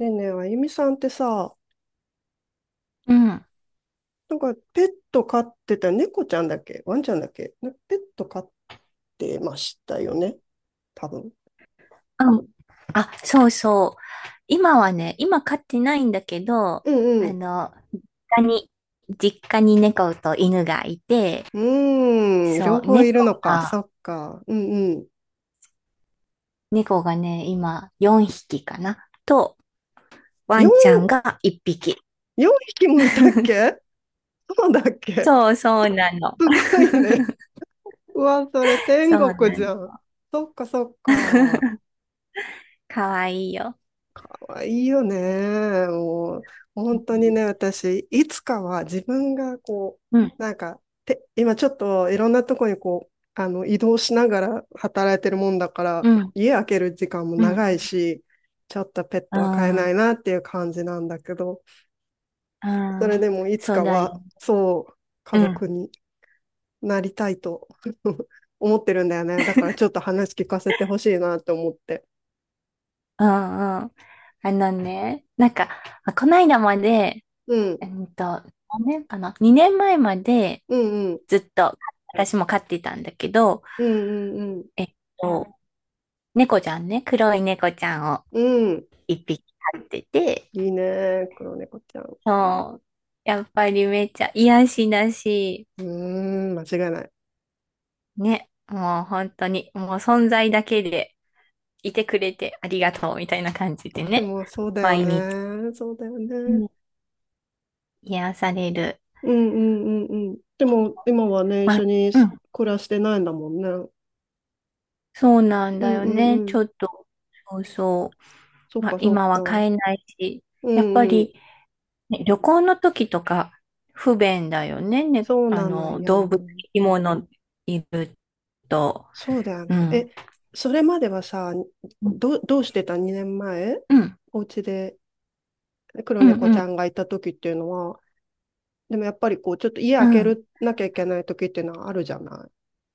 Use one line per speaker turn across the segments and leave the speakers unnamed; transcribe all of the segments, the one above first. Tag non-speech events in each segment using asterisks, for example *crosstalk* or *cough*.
ねえねえ、あゆみさんってさ、
うん。あ、
なんかペット飼ってた、猫ちゃんだっけワンちゃんだっけなペット飼ってましたよね多分。
そうそう。今はね、今飼ってないんだけど、
うんう
あ
ん。
の、実家に、実家に猫と犬がいて、
うーん、両
そう、
方いるのか。そ
が、
っか。うんうん。
猫がね、今4匹かな。と、ワンちゃ
4、
んが1匹。
4匹もいたっ
*laughs*
け？そうだっけ？
そうそうなの。
すごいね。うわ、それ天
そうな
国じ
の。
ゃん。そっかそっか。
*laughs* かわいいよ。
わいいよね。もう、本当にね、
う
私、いつかは自分が
ん、
今ちょっといろんなとこにこう、移動しながら働いてるもんだか
う
ら、
ん、うん、
家開ける時間も長いし、ちょっとペッ
う
トは飼えな
ん、
いなっていう感じなんだけど、
う
それ
ん、
でもいつ
そう
か
だ
は、
よ。
そう、家
うん、う
族になりたいと *laughs* 思ってるんだよね。だからちょっと話聞かせてほしいなって思って。
ん、うん。あのね、こないだまで、
うん、
えっと、何年かな？ 2年前 年前まで
うん、うん、
ずっと私も飼ってたんだけど、
うん、うん、うん。
えっと、猫ちゃんね、黒い猫ちゃんを
うん、
一匹飼ってて、
いいね、黒猫ちゃん。う
そう、やっぱりめっちゃ癒しだし、
ーん、間違いない。
ね、もう本当に、もう存在だけでいてくれてありがとうみたいな感じで
で
ね、
も、そうだよ
毎日
ね。そうだよ
う
ね。
ん癒される。
うんうんうんうん。でも、今はね、一
まあ、
緒に
うん、
暮らしてないんだもんね。う
そうなん
ん
だよ
うん
ね。
う
ち
ん。
ょっと、そうそ
そ
う。
っ
まあ、
かそ
今
っか。
は買えな
う
いし、やっぱ
んうん。
り、ね、旅行の時とか不便だよね。ね、
そうなの
動
よ。
物、生き物いると。
そうだよ
う
ね。え、
ん。
それまではさ、
うん、
ど、どうしてた2年前？
うん、
お家で黒
うん、
猫
う
ちゃ
ん。
んがいた時っていうのは、でもやっぱりこう、ちょっと家
う
開け
ん、
るなきゃいけない時っていうのはあるじゃない。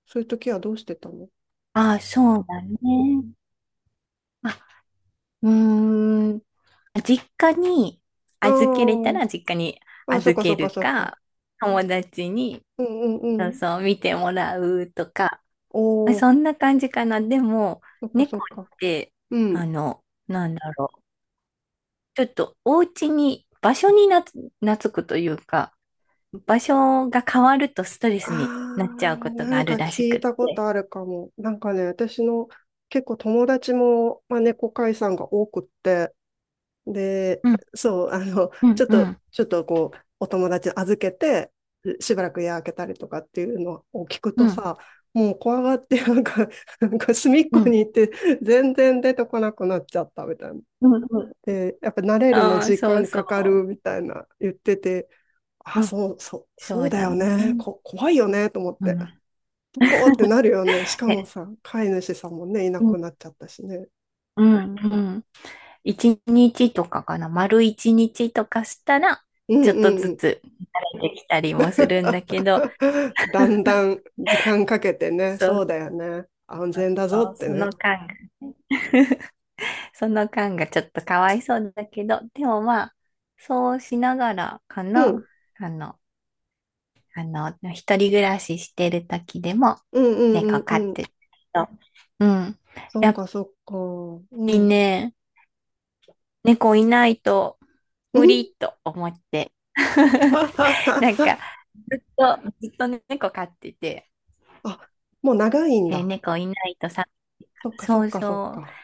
そういう時はどうしてたの？
ああ、そうだね。あ、うーん。実家に預けれた
あ
ら実家に
あ、あ、そっ
預
かそ
け
っか
る
そっか。
か、友達に、
うんうん
そ
う
う
ん。
そう、見てもらうとか、
お
あ
お、
そんな感じかな。でも、
そっかそ
猫
っ
っ
か。
て、
うん。
あの、なんだろう。ちょっとお家に、場所に懐くというか、場所が変わるとストレ
ああ、
スになっちゃうこと
な
があ
んか
るらし
聞
く
い
っ
たこと
て。
あるかも。なんかね、私の結構友達も、まあ、猫飼いさんが多くって、で、
うん
そう、
う
*laughs* ち
ん
ょっ
う
と、
ん
ちょっとこう、お友達預けて、しばらく家開けたりとかっていうのを聞く
う
と
ん
さ、もう怖がって、なんか、*laughs* なんか隅っ
う
こに
ん
行って、全然出てこなくなっちゃったみたいな。
うんうん。
で、やっぱ慣れるの
ああ、
時
そう
間
そ
かかるみたいな言ってて、あ、
う。うん、
そう、そう、
そ
そう
う
だ
だ
よ
ね。
ね。こ、怖いよね、と思っ
う
て。
ん。
どこってな
*laughs*
るよね。しかも
で、
さ、飼い主さんもね、いな
うん
くなっちゃったしね。
うんうん。一日とかかな。丸一日とかしたら、
うん
ちょっ
う
と
んう
ず
ん。
つ慣れてきたりもするんだけど、
*laughs* だんだん時間かけてね、
そ
そう
う
だよね。安全だぞ
そう、
って
そ
ね。
の感がね、その感がちょっとかわいそうだけど、でもまあ、そうしながらか
うん、
な、あの、一人暮らししてる時でも、
うんう
猫
んう
飼
んう
っ
ん。
てると、うん。
そっ
やっぱ
かそっか。う
り
ん。
ね、猫いないと
う
無
ん
理と思って、
*laughs*
なんか、ずっと猫飼ってて、
あ、もう長いん
えー
だ。
猫いないとさ、
そっかそ
そ
っ
う
かそっ
そう、
か。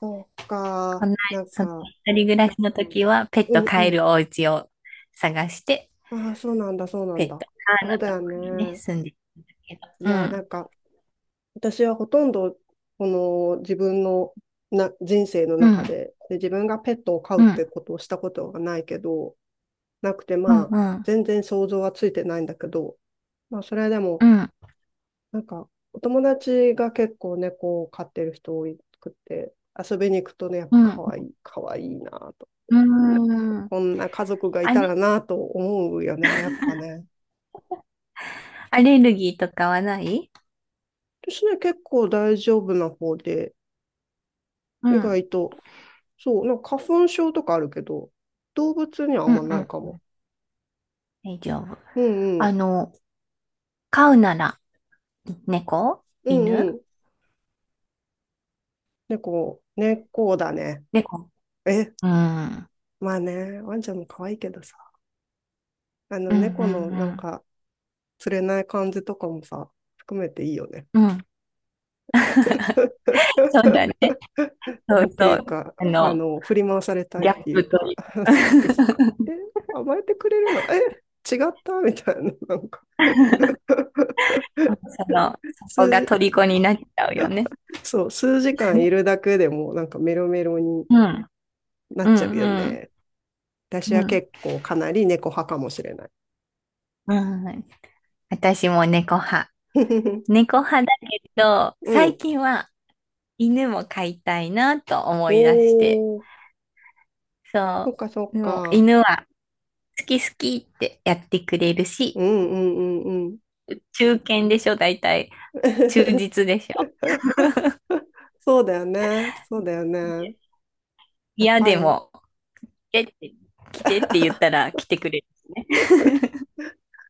そっか。
こんな、
なん
その
か、
一人暮らしの時はペッ
う
ト
んう
飼え
ん。
るお家を探して、
ああ、そうなんだ、そうな
ペ
ん
ッ
だ。
ト
そ
が
う
あ
だ
のと
よ
ころにね、
ね。
住んでるんだけど。
い
う
や、な
ん、
んか、私はほとんど、この自分のな人生の
う
中
ん、
でで、自分がペットを飼
う
うっ
ん、
てことをしたことがないけど、なくて、
う
ま
ん、
あ、
うん、
全然想像はついてないんだけど、まあ、それで
う
も、
ん、
なんか、お友達が結構猫を飼ってる人多くて、遊びに行くとね、やっぱ可愛
う
い、可愛いなと。
ん、うん、
こんな家族がい
アレ
たらなと思うよね、やっぱね。
アレルギーとかはない？
ですね、結構大丈夫な方で、
う
意
ん、
外と、そう、なんか花粉症とかあるけど、動物にはあ
う
ん
ん、う
まない
ん。
かも。
大丈夫。
うんう
あ
ん、
の、飼うなら、猫
う
犬？
んうん。猫だね。
猫。
え、
うん、うん、
まあね、ワンちゃんも可愛いけどさ、あの
う
猫のな
ん、
んか、釣れない感じとかもさ、含めていいよね。
うん、うん。そうだね。そ
な
う
んてい
そ
う
う。
か、
あの、
振り回されたい
ギ
っ
ャッ
てい
プ
う
とい
か、*laughs* そ
う。
うそうそ
*laughs*
う、え、甘えてくれるのえ、違ったみたいな、なんか *laughs*
その、そこが
数、
虜になっちゃうよね。
そう、数時間いるだけでもなんかメロメロに
うん、
な
う
っ
ん、
ちゃうよ
うん、
ね。私
う
は
ん。
結構かなり猫派かもしれない。
うん、私も猫派。
*laughs*
猫派だけど、
う
最
ん。
近は犬も飼いたいなと思い出して。
おー、そ
そ
っかそ
う。
っ
でも
か。
犬は好き好きってやってくれるし、
うんうんうんうん。
忠犬でしょ、大体。忠実
*laughs*
でしょ。
そうだよね。そうだよね。やっ
嫌
ぱ
で
り、
も、来てって来てって言った
*laughs*
ら来てくれるしね。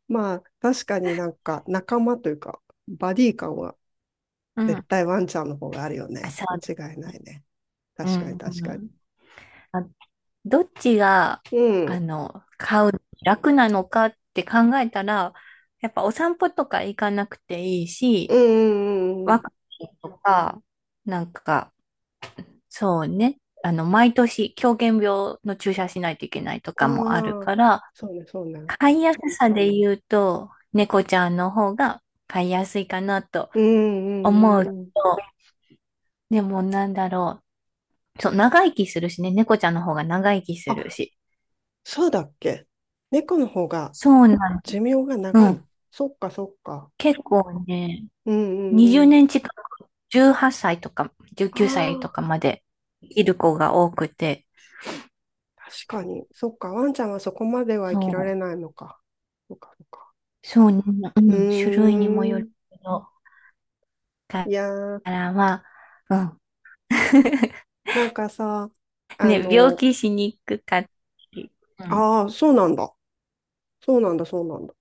まあ確かになんか仲間というか、バディ感は
う
絶
ん。
対ワンちゃんの方があるよ
あ、
ね。
そう
間
だね。
違いないね。
う
確かに
んう
確かに。
ん。あ、どっちが、
う
あ
ん。
の、飼うのに楽なのかって考えたら、やっぱお散歩とか行かなくていい
う
し、
んうんうん
ワ
う
クチンとか、なんか、そうね。あの、毎年、狂犬病の注射しないといけないとかもある
ん。ああ、
から、
そうねそうね。
飼いやすさで言うと、猫ちゃんの方が飼いやすいかなと
うんう
思うと、
んうんうん。
でもなんだろう。そう、長生きするしね、猫ちゃんの方が長生きする
あ、
し。
そうだっけ？猫の方が
そうなん、
寿命が
う
長い？
ん。
そっかそっか。
結構ね、
うんう
20
んうん。
年近く、18歳とか
あ
19歳と
あ、
かまで生きる子が多くて、
確かに。そっか。ワンちゃんはそこまでは生き
そ
られ
う。
ないのか。そっかそっか。
そうね、う
う
ん、種類にもよ
ーん。
るけど、
い
か
やー、
らは、うん。*laughs*
なんかさ、あ
ね、病
の、
気しにくかったり、うん。
ああ、そうなんだ。そうなんだ、そうなんだ。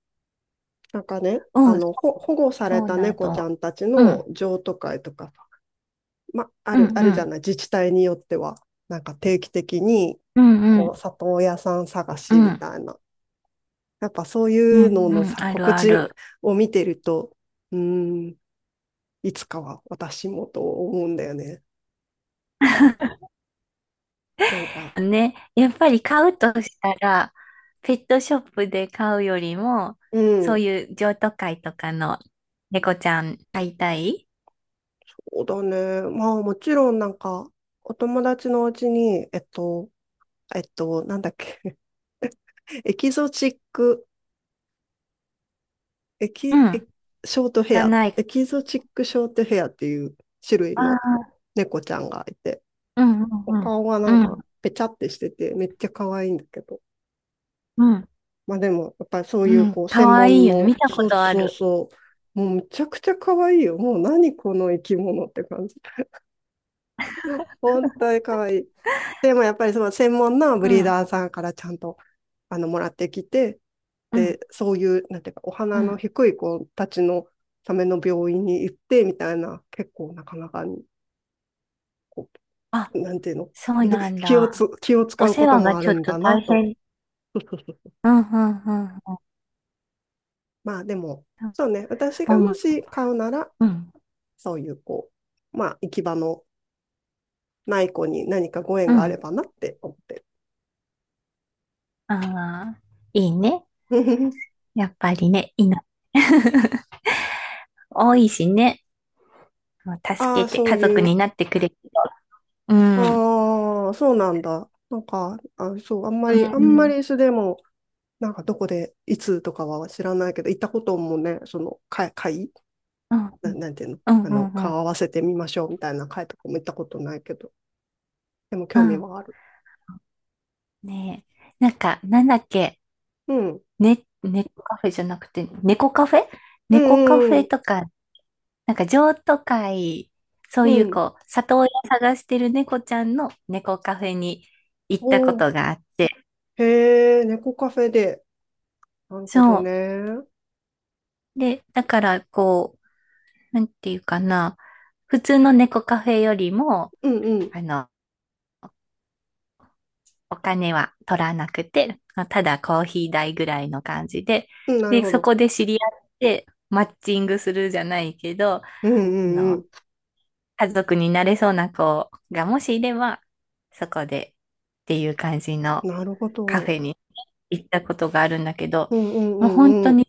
なんかね、
うん、そ
ほ、
う
保護され
そう
た
な
猫ちゃ
ど。
んたち
う
の
ん、
譲渡会とか、ま、あ
うん、
る、あ
う
るじゃ
ん、
ない、自治体によっては。なんか定期的に、
うん、う
こ
ん、
う、里親さん探
う
しみ
ん、
たいな。やっぱそう
う
いう
ん、
のの
うん、
さ、
ある
告
あ
知
る。
を見てると、うーん、いつかは私もと思うんだよね。なんか、
ね、やっぱり買うとしたら、ペットショップで買うよりも、
う
そう
ん、
いう譲渡会とかの猫ちゃん飼いたい。
そうだね。まあもちろんなんか、お友達のうちに、なんだっけ、*laughs* エキゾチックエ
う
キ、エ
ん、
キショートヘ
が
ア、
ない。
エキゾチックショートヘアっていう種類
あ
の
あ、
猫ちゃんがいて、
うん、う
お
ん、
顔がな
う
ん
ん、う
か
ん、
ぺちゃってしてて、めっちゃ可愛いんだけど。
うん。
まあでも、やっぱりそう
う
いう
ん、
こう
か
専
わいい
門
よね。
の、
見たこ
そう
とあ
そう
る。
そう、もうむちゃくちゃ可愛いよ。もう何この生き物って感じ。*laughs* 本当に可愛い。でもやっぱりその専門のブ
う
リー
ん、
ダーさんからちゃんとあのもらってきて、
うん、
で、そういう、なんていうか、お
う
花の
ん。
低い子たちのための病院に行ってみたいな、結構なかなかに、こ
あ、
う、なんていうの、
そうなん
*laughs* 気を
だ。
つ、気を
お
使う
世
こと
話が
もあ
ちょ
る
っ
ん
と
だな
大
と。
変。うん、うん、うん。
まあでも、
う
そうね、私が
ん、
もし買うなら、
うん。
そういうこう、まあ行き場のない子に何かご縁
う
があれ
ん。
ばなって思ってる。
ああ、いいね。
*laughs*
やっぱりね、犬。*laughs* 多いしね。もう
あ
助
あ、
けて
そう
家族
いう、
になってくれると。うん。
ああ、そうなんだ。なんか、あ、そう、あんまり、あん
うん、う
ま
ん、
りそでも、なんかどこで、いつとかは知らないけど、行ったこともね、その会、会、
うん、
な、
う
なんていうの、
ん、うん、う
顔
ん。
合わせてみましょうみたいな会とかも行ったことないけど、でも
う
興味
ん、
はある。
ねえ。なんか、なんだっけ。
うん。
ね、猫カフェじゃなくて、猫カフェ
う
猫カフ
んうん
ェとか、なんか譲渡会、そう
う
い
ん。
う
うん。
こう、里親探してる猫ちゃんの猫カフェに行っ
お
たこ
ー、
とがあって、
へえ、猫カフェで。なるほど
そ
ね。
う。
うん
で、だからこう、なんていうかな、普通の猫カフェよりも、
うん。
あの、お金は取らなくて、ただコーヒー代ぐらいの感じで、
うん、なる
で、
ほ
そ
ど。
こで知り合って、マッチングするじゃないけど、
うんうんう
の、
ん。
家族になれそうな子がもしいれば、そこでっていう感じの、
なるほ
カフ
ど。
ェに行ったことがあるんだけど、
うんうんう
もう本
ん
当
う
に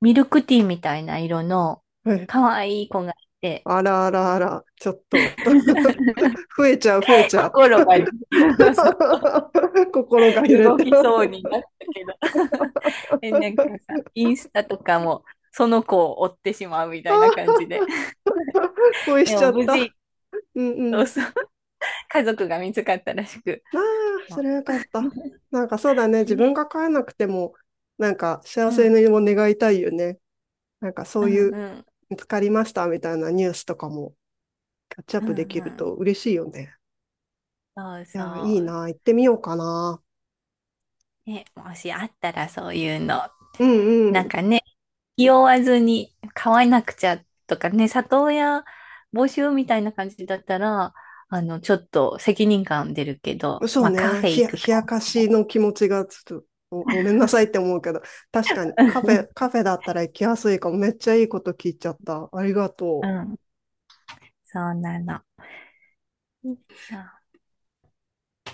ミルクティーみたいな色の
ん。え、
可愛い子がいて、
あらあらあら、ちょっと。増えちゃう
心がね。 *laughs* そ
*laughs*。心が揺
う
れ
動
て
きそう
*laughs*。あ
になったけど。 *laughs* え、なんかさ、インスタとかもその子を追ってしまうみた
あ、
いな感じで、
恋し
で
ち
も
ゃっ
無
た。
事、
うんう
そう
ん。
そう、家族が見つかったらしく、
ああ、そ
も
れはよかった。なんかそうだね。
う
自分
ね、
が帰えなくても、なんか幸
う
せ
ん、
にも願いたいよね。なんかそ
う
ういう、
ん、うん、
見つかりましたみたいなニュースとかもキャッチアッ
う
プで
ん、
き
う
る
ん。
と嬉しいよね。
そう
い
そ
やー、いい
う。
な。行ってみようかな。
ね、もしあったらそういうの。
うん
なん
うん。
かね、気負わずに買わなくちゃとかね、里親募集みたいな感じだったら、あの、ちょっと責任感出るけど、
そう
まあカ
ね。
フェ
ひ
行
や、冷
くか。
やかしの気持ちがちょっとご、ごめんなさいって思うけど、確かにカフ
*laughs*
ェ、カフェだったら行きやすいかも。めっちゃいいこと聞いちゃった。ありが
う
とう。
ん、そうなの。そうん